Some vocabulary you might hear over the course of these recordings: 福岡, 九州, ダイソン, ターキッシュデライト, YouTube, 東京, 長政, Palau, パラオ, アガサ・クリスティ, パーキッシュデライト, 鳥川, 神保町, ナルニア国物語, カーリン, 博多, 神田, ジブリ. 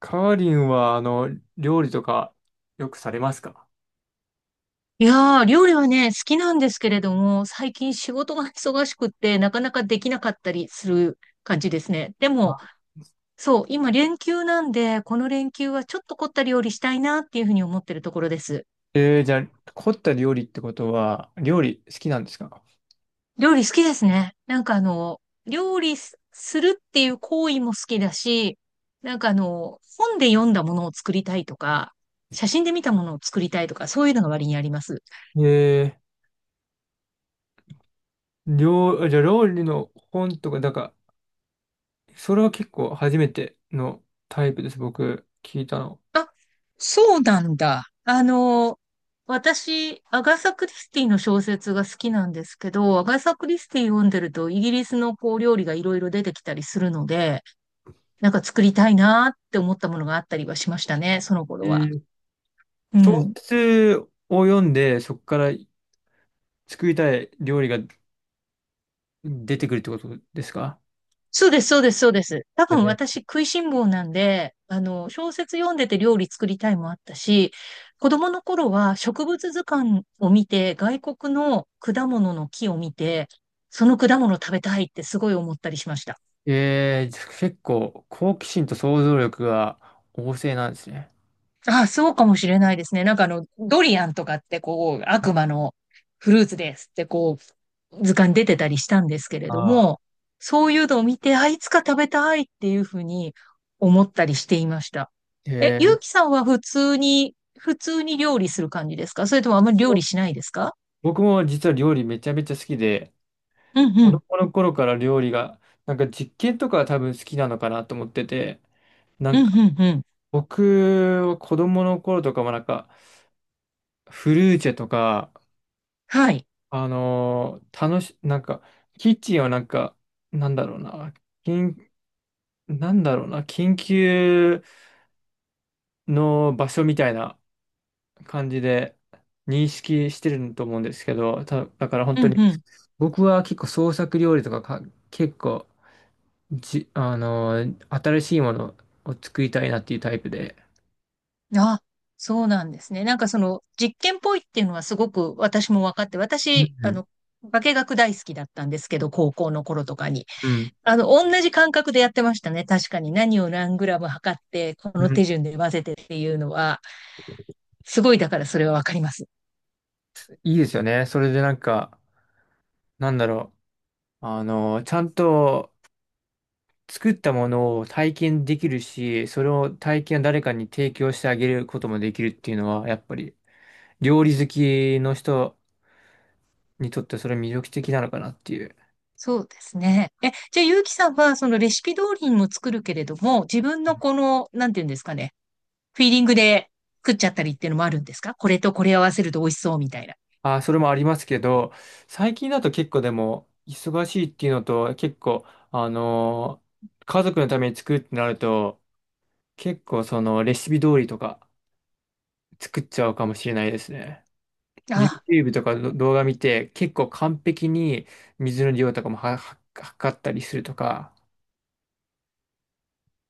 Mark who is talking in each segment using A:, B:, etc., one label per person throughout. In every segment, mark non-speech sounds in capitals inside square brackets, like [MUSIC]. A: カーリンは、料理とかよくされますか？
B: いやー、料理はね、好きなんですけれども、最近仕事が忙しくって、なかなかできなかったりする感じですね。でも、
A: あ
B: そう、今連休なんで、この連休はちょっと凝った料理したいなっていうふうに思ってるところです。
A: じゃあ、凝った料理ってことは、料理好きなんですか？
B: 料理好きですね。なんか料理すするっていう行為も好きだし、なんか本で読んだものを作りたいとか、写真で見たものを作りたいとか、そういうのが割にあります。
A: えじゃあ料理の本とか、だから、それは結構初めてのタイプです、僕、聞いたの。
B: あ、そうなんだ。私、アガサ・クリスティの小説が好きなんですけど、アガサ・クリスティ読んでると、イギリスのこう料理がいろいろ出てきたりするので、なんか作りたいなーって思ったものがあったりはしましたね、その
A: え
B: 頃は。
A: ー、
B: う
A: 小
B: ん。
A: 説を読んで、そこから作りたい料理が出てくるってことですか？
B: そうです、そうです、そうです。多
A: え
B: 分
A: ー、
B: 私食いしん坊なんで、小説読んでて料理作りたいもあったし、子供の頃は植物図鑑を見て、外国の果物の木を見て、その果物食べたいってすごい思ったりしました。
A: 結構、好奇心と想像力が旺盛なんですね。
B: ああ、そうかもしれないですね。なんかドリアンとかってこう、悪魔のフルーツですってこう、図鑑出てたりしたんですけれ
A: あ
B: ど
A: あ。
B: も、そういうのを見て、あ、いつか食べたいっていうふうに思ったりしていました。え、
A: え
B: ゆ
A: ー
B: うきさんは普通に、普通に料理する感じですか？それともあまり料理しないですか？
A: 僕も実は料理めちゃめちゃ好きで、
B: うんう
A: 子
B: ん。
A: 供の頃から料理が、なんか実験とかは多分好きなのかなと思ってて、な
B: う
A: ん
B: ん
A: か
B: うんうん。
A: 僕は子供の頃とかもなんかフルーチェとか、
B: はい。
A: あのー楽し、なんかキッチンをなんか、なんだろうな、緊、なんだろうな、緊急の場所みたいな感じで認識してると思うんですけど、だから本当
B: うん
A: に
B: う
A: 僕は結構創作料理とか結構じ、あの、新しいものを作りたいなっていうタイプで。
B: ん。あ、そうなんですね。なんかその実験っぽいっていうのはすごく私も分かって、
A: う
B: 私、
A: ん、
B: 化学大好きだったんですけど、高校の頃とかに。
A: うん、
B: 同じ感覚でやってましたね。確かに何を何グラム測って、こ
A: う
B: の
A: ん。
B: 手順で混ぜてっていうのは、すごいだからそれはわかります。
A: いいですよね。それでなんか、なんだろう。あの、ちゃんと作ったものを体験できるし、それを体験を誰かに提供してあげることもできるっていうのは、やっぱり料理好きの人にとってそれ魅力的なのかなっていう。
B: そうですね。え、じゃあ、ゆうきさんは、そのレシピ通りにも作るけれども、自分のこの、なんていうんですかね、フィーリングで食っちゃったりっていうのもあるんですか？これとこれ合わせると美味しそうみたいな。
A: あ、それもありますけど、最近だと結構でも忙しいっていうのと、結構、あの、家族のために作るってなると、結構そのレシピ通りとか作っちゃうかもしれないですね。
B: あ、
A: YouTube とかの動画見て結構完璧に水の量とかも測ったりするとか。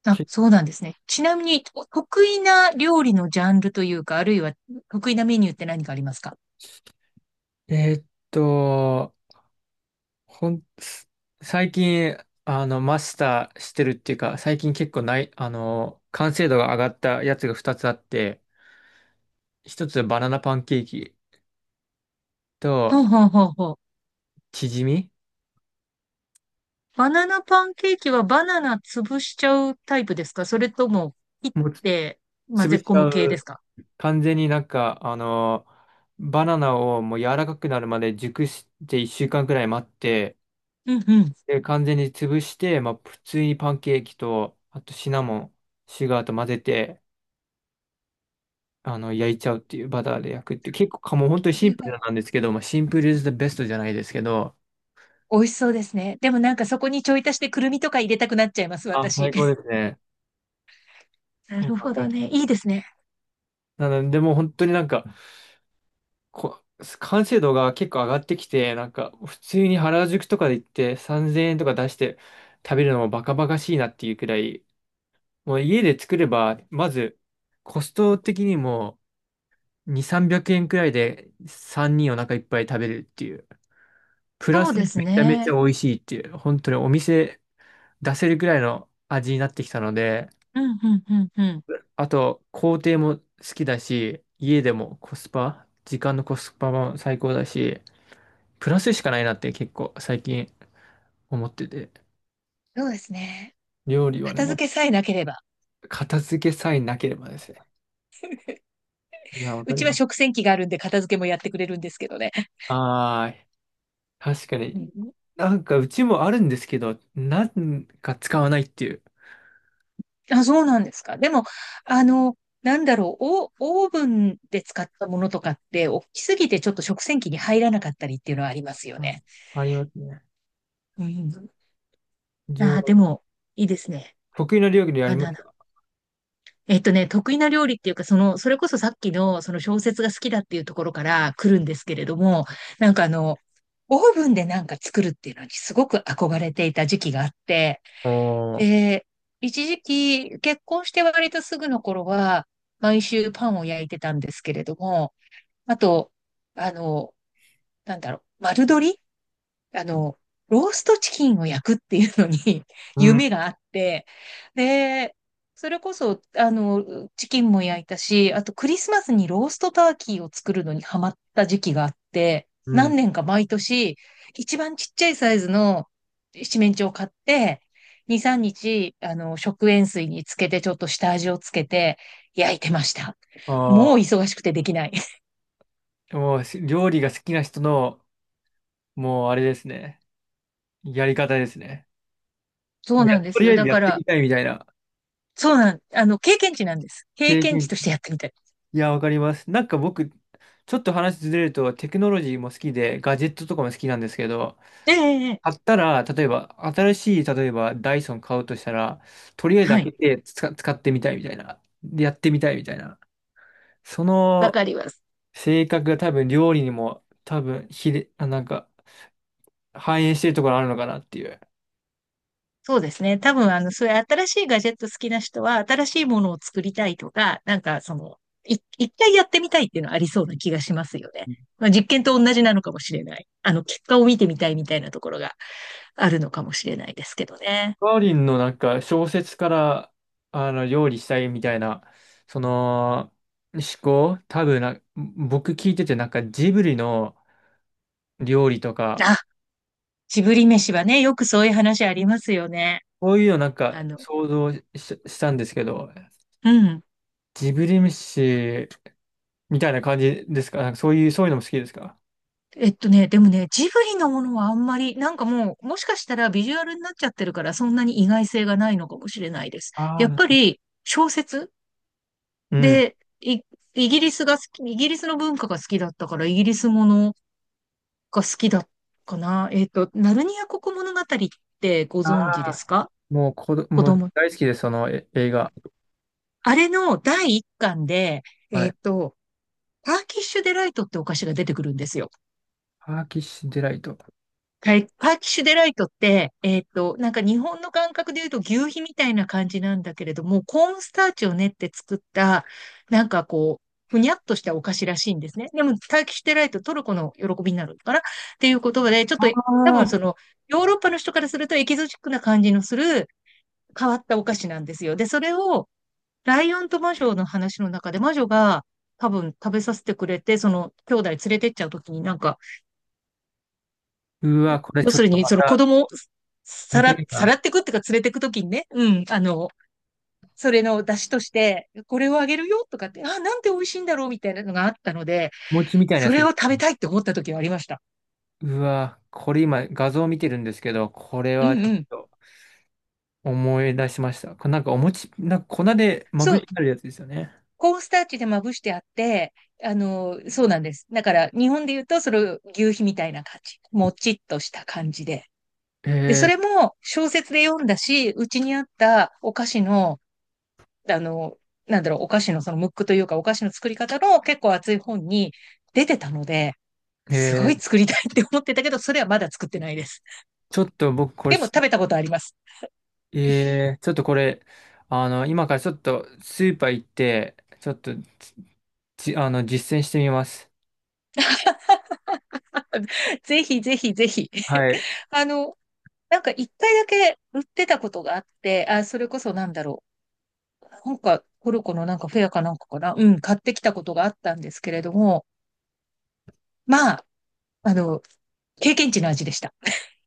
B: あ、
A: け
B: そうなんですね。ちなみに、お得意な料理のジャンルというか、あるいは得意なメニューって何かありますか？
A: えーっと、ほん、す最近あのマスターしてるっていうか最近結構ない、あの、完成度が上がったやつが2つあって、1つはバナナパンケーキと
B: ほうほうほうほう。
A: チヂミ。
B: バナナパンケーキはバナナ潰しちゃうタイプですか？それとも切っ
A: もうつ
B: て混
A: 潰
B: ぜ
A: し
B: 込
A: ちゃ
B: む系です
A: う。
B: か？
A: 完全になんか、バナナをもう柔らかくなるまで熟して1週間くらい待って、
B: うんうん。
A: で、完全に潰して、まあ、普通にパンケーキと、あとシナモン、シュガーと混ぜて、あの、焼いちゃうっていう、バターで焼くっていう、結構かもう本当に
B: そ
A: シン
B: れ
A: プル
B: は
A: なんですけど、まあ、シンプル is the best じゃないですけど、
B: 美味しそうですね。でもなんかそこにちょい足してくるみとか入れたくなっちゃいます、
A: あ、
B: 私。
A: 最高ですね。
B: な
A: うん、
B: る
A: わ
B: ほ
A: か
B: ど
A: る。
B: ね。いいですね。
A: なので、もう本当になんか、こ、完成度が結構上がってきて、なんか普通に原宿とかで行って3000円とか出して食べるのもバカバカしいなっていうくらい、もう家で作れば、まずコスト的にも2、300円くえんくらいで3人お腹いっぱい食べるっていう、プラ
B: そう
A: ス
B: で
A: め
B: す
A: ちゃめち
B: ね。
A: ゃ美味しいっていう、本当にお店出せるくらいの味になってきたので、
B: うん、うん、うん、うん。
A: あと工程も好きだし、家でもコスパ、時間のコスパも最高だし、プラスしかないなって結構最近思ってて。
B: そうですね。
A: 料理はね、
B: 片付けさえなければ。
A: 片付けさえなければですね。いや、わか
B: う
A: り
B: ちは
A: ます。
B: 食洗機があるんで片付けもやってくれるんですけどね。
A: ああ、確か
B: う
A: に。
B: ん。
A: なんかうちもあるんですけど、なんか使わないっていう。
B: あ、そうなんですか。でも、あの、なんだろう、オオーブンで使ったものとかって、大きすぎてちょっと食洗機に入らなかったりっていうのはありますよ
A: う
B: ね。
A: ん、ありますね。
B: うん。あ
A: 料
B: あ、でも、いいですね。
A: 得意な料理あ
B: バ
A: りま
B: ナ
A: す
B: ナ。
A: か？
B: 得意な料理っていうか、その、それこそさっきの、その小説が好きだっていうところから来るんですけれども、なんかオーブンでなんか作るっていうのにすごく憧れていた時期があって、
A: おー、
B: で、一時期、結婚して割とすぐの頃は、毎週パンを焼いてたんですけれども、あと、あの、なんだろう、丸鶏あの、ローストチキンを焼くっていうのに [LAUGHS]
A: うん、
B: 夢があって、で、それこそ、チキンも焼いたし、あとクリスマスにローストターキーを作るのにハマった時期があって、
A: う
B: 何
A: ん。
B: 年か毎年、一番ちっちゃいサイズの七面鳥を買って、2、3日、食塩水につけて、ちょっと下味をつけて、焼いてました。も
A: あ
B: う忙しくてできない。
A: あ、もうし料理が好きな人の、もうあれですね。やり方ですね。
B: そ
A: も
B: う
A: う
B: な
A: や、
B: んで
A: と
B: す
A: りあ
B: よ。
A: えず
B: だ
A: や
B: か
A: って
B: ら、
A: みたいみたいな。
B: そうなん、あの、経験値なんです。経
A: 経
B: 験値
A: 験、
B: としてやってみた。
A: いや、わかります。なんか僕、ちょっと話ずれると、テクノロジーも好きで、ガジェットとかも好きなんですけど、
B: ええ、ええ、
A: 買ったら、例えば、新しい、例えば、ダイソン買うとしたら、とりあえず
B: は
A: 開
B: い。
A: けて使、使ってみたいみたいな、でやってみたいみたいな、そ
B: わ
A: の
B: かります。
A: 性格が多分、料理にも、多分、ひれ、あ、なんか、反映してるところあるのかなっていう。
B: そうですね。多分、そういう新しいガジェット好きな人は、新しいものを作りたいとか、なんか、その、一回やってみたいっていうのはありそうな気がしますよね。まあ、実験と同じなのかもしれない。結果を見てみたいみたいなところがあるのかもしれないですけどね。
A: カーリンのなんか、小説から、あの、料理したいみたいな、その、思考、多分な、僕聞いてて、なんかジブリの、料理とか、
B: あ、ジブリ飯はね、よくそういう話ありますよね。
A: そういうのなん
B: あ
A: か
B: の、
A: 想像し、したんですけど、
B: うん。
A: ジブリ飯みたいな感じですか？なんかそういう、そういうのも好きですか？
B: でもね、ジブリのものはあんまり、なんかもう、もしかしたらビジュアルになっちゃってるから、そんなに意外性がないのかもしれないです。
A: あ
B: やっぱ
A: ー、
B: り、小説
A: うん。
B: で、イギリスが好き、イギリスの文化が好きだったから、イギリスものが好きだかな。えっと、ナルニア国物語ってご存知
A: あ
B: です
A: あ、
B: か？子
A: もう
B: 供。
A: 大好きです、その映画。
B: あれの第一巻で、
A: は
B: え
A: い。
B: っと、ターキッシュデライトってお菓子が出てくるんですよ。
A: パーキッシュデライト。
B: はイパーキッシュデライトって、えっと、なんか日本の感覚で言うと求肥みたいな感じなんだけれども、コーンスターチを練って作った、なんかこう、ふにゃっとしたお菓子らしいんですね。でも、パーキッシュデライト、トルコの喜びになるのかなっていう言葉で、ちょっ
A: あ
B: と多
A: あ、
B: 分その、ヨーロッパの人からするとエキゾチックな感じのする変わったお菓子なんですよ。で、それを、ライオンと魔女の話の中で、魔女が多分食べさせてくれて、その兄弟連れてっちゃうときになんか、
A: うわ、これ
B: 要
A: ちょ
B: す
A: っ
B: る
A: と
B: に、
A: ま
B: その子
A: た
B: 供を
A: 見
B: さ
A: た
B: ら、
A: い
B: さ
A: な。
B: らってくっていうか連れてくときにね、うん、それの出汁として、これをあげるよとかって、あ、なんて美味しいんだろうみたいなのがあったので、
A: 餅みたいな
B: そ
A: やつ。
B: れを食べたいって思った時はありました。
A: うわ、これ今画像見てるんですけど、これ
B: う
A: はち
B: ん
A: ょ
B: う
A: っ
B: ん。
A: と思い出しました。これなんかお餅、なんか粉でまぶ
B: そ
A: し
B: う、
A: てあるやつですよね。
B: コーンスターチでまぶしてあって、そうなんです。だから、日本で言うと、それ、牛皮みたいな感じ。もちっとした感じで。で、そ
A: え
B: れも小説で読んだし、うちにあったお菓子のあの、なんだろう、お菓子のそのムックというか、お菓子の作り方の結構厚い本に出てたので、
A: ー、
B: すご
A: え
B: い
A: ー
B: 作りたいって思ってたけど、それはまだ作ってないです。
A: ちょっと僕これ
B: でも
A: し、
B: 食べたことあります。[LAUGHS]
A: えー、ちょっとこれ、あの、今からちょっとスーパー行って、ちょっとじ、あの、実践してみます。
B: ぜひぜひぜひ。
A: は
B: [LAUGHS]
A: い。
B: あの、なんか一回だけ売ってたことがあって、あ、それこそなんだろう。なんかトルコのなんかフェアかなんかかな。うん、買ってきたことがあったんですけれども、まあ、あの、経験値の味でした。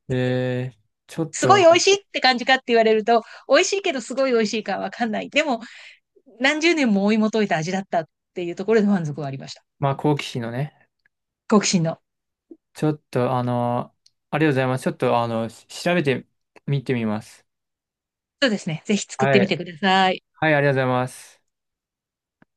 A: えー、ちょっ
B: すごい美
A: と、
B: 味しいって感じかって言われると、美味しいけどすごい美味しいかわかんない。でも、何十年も追い求めた味だったっていうところで満足はありました。
A: まあ、好奇心のね、
B: 好奇心の。
A: ちょっと、あの、ありがとうございます。ちょっと、あの、調べてみます。
B: そうですね。ぜひ作っ
A: は
B: てみて
A: い。
B: ください。
A: はい、ありがとうございます。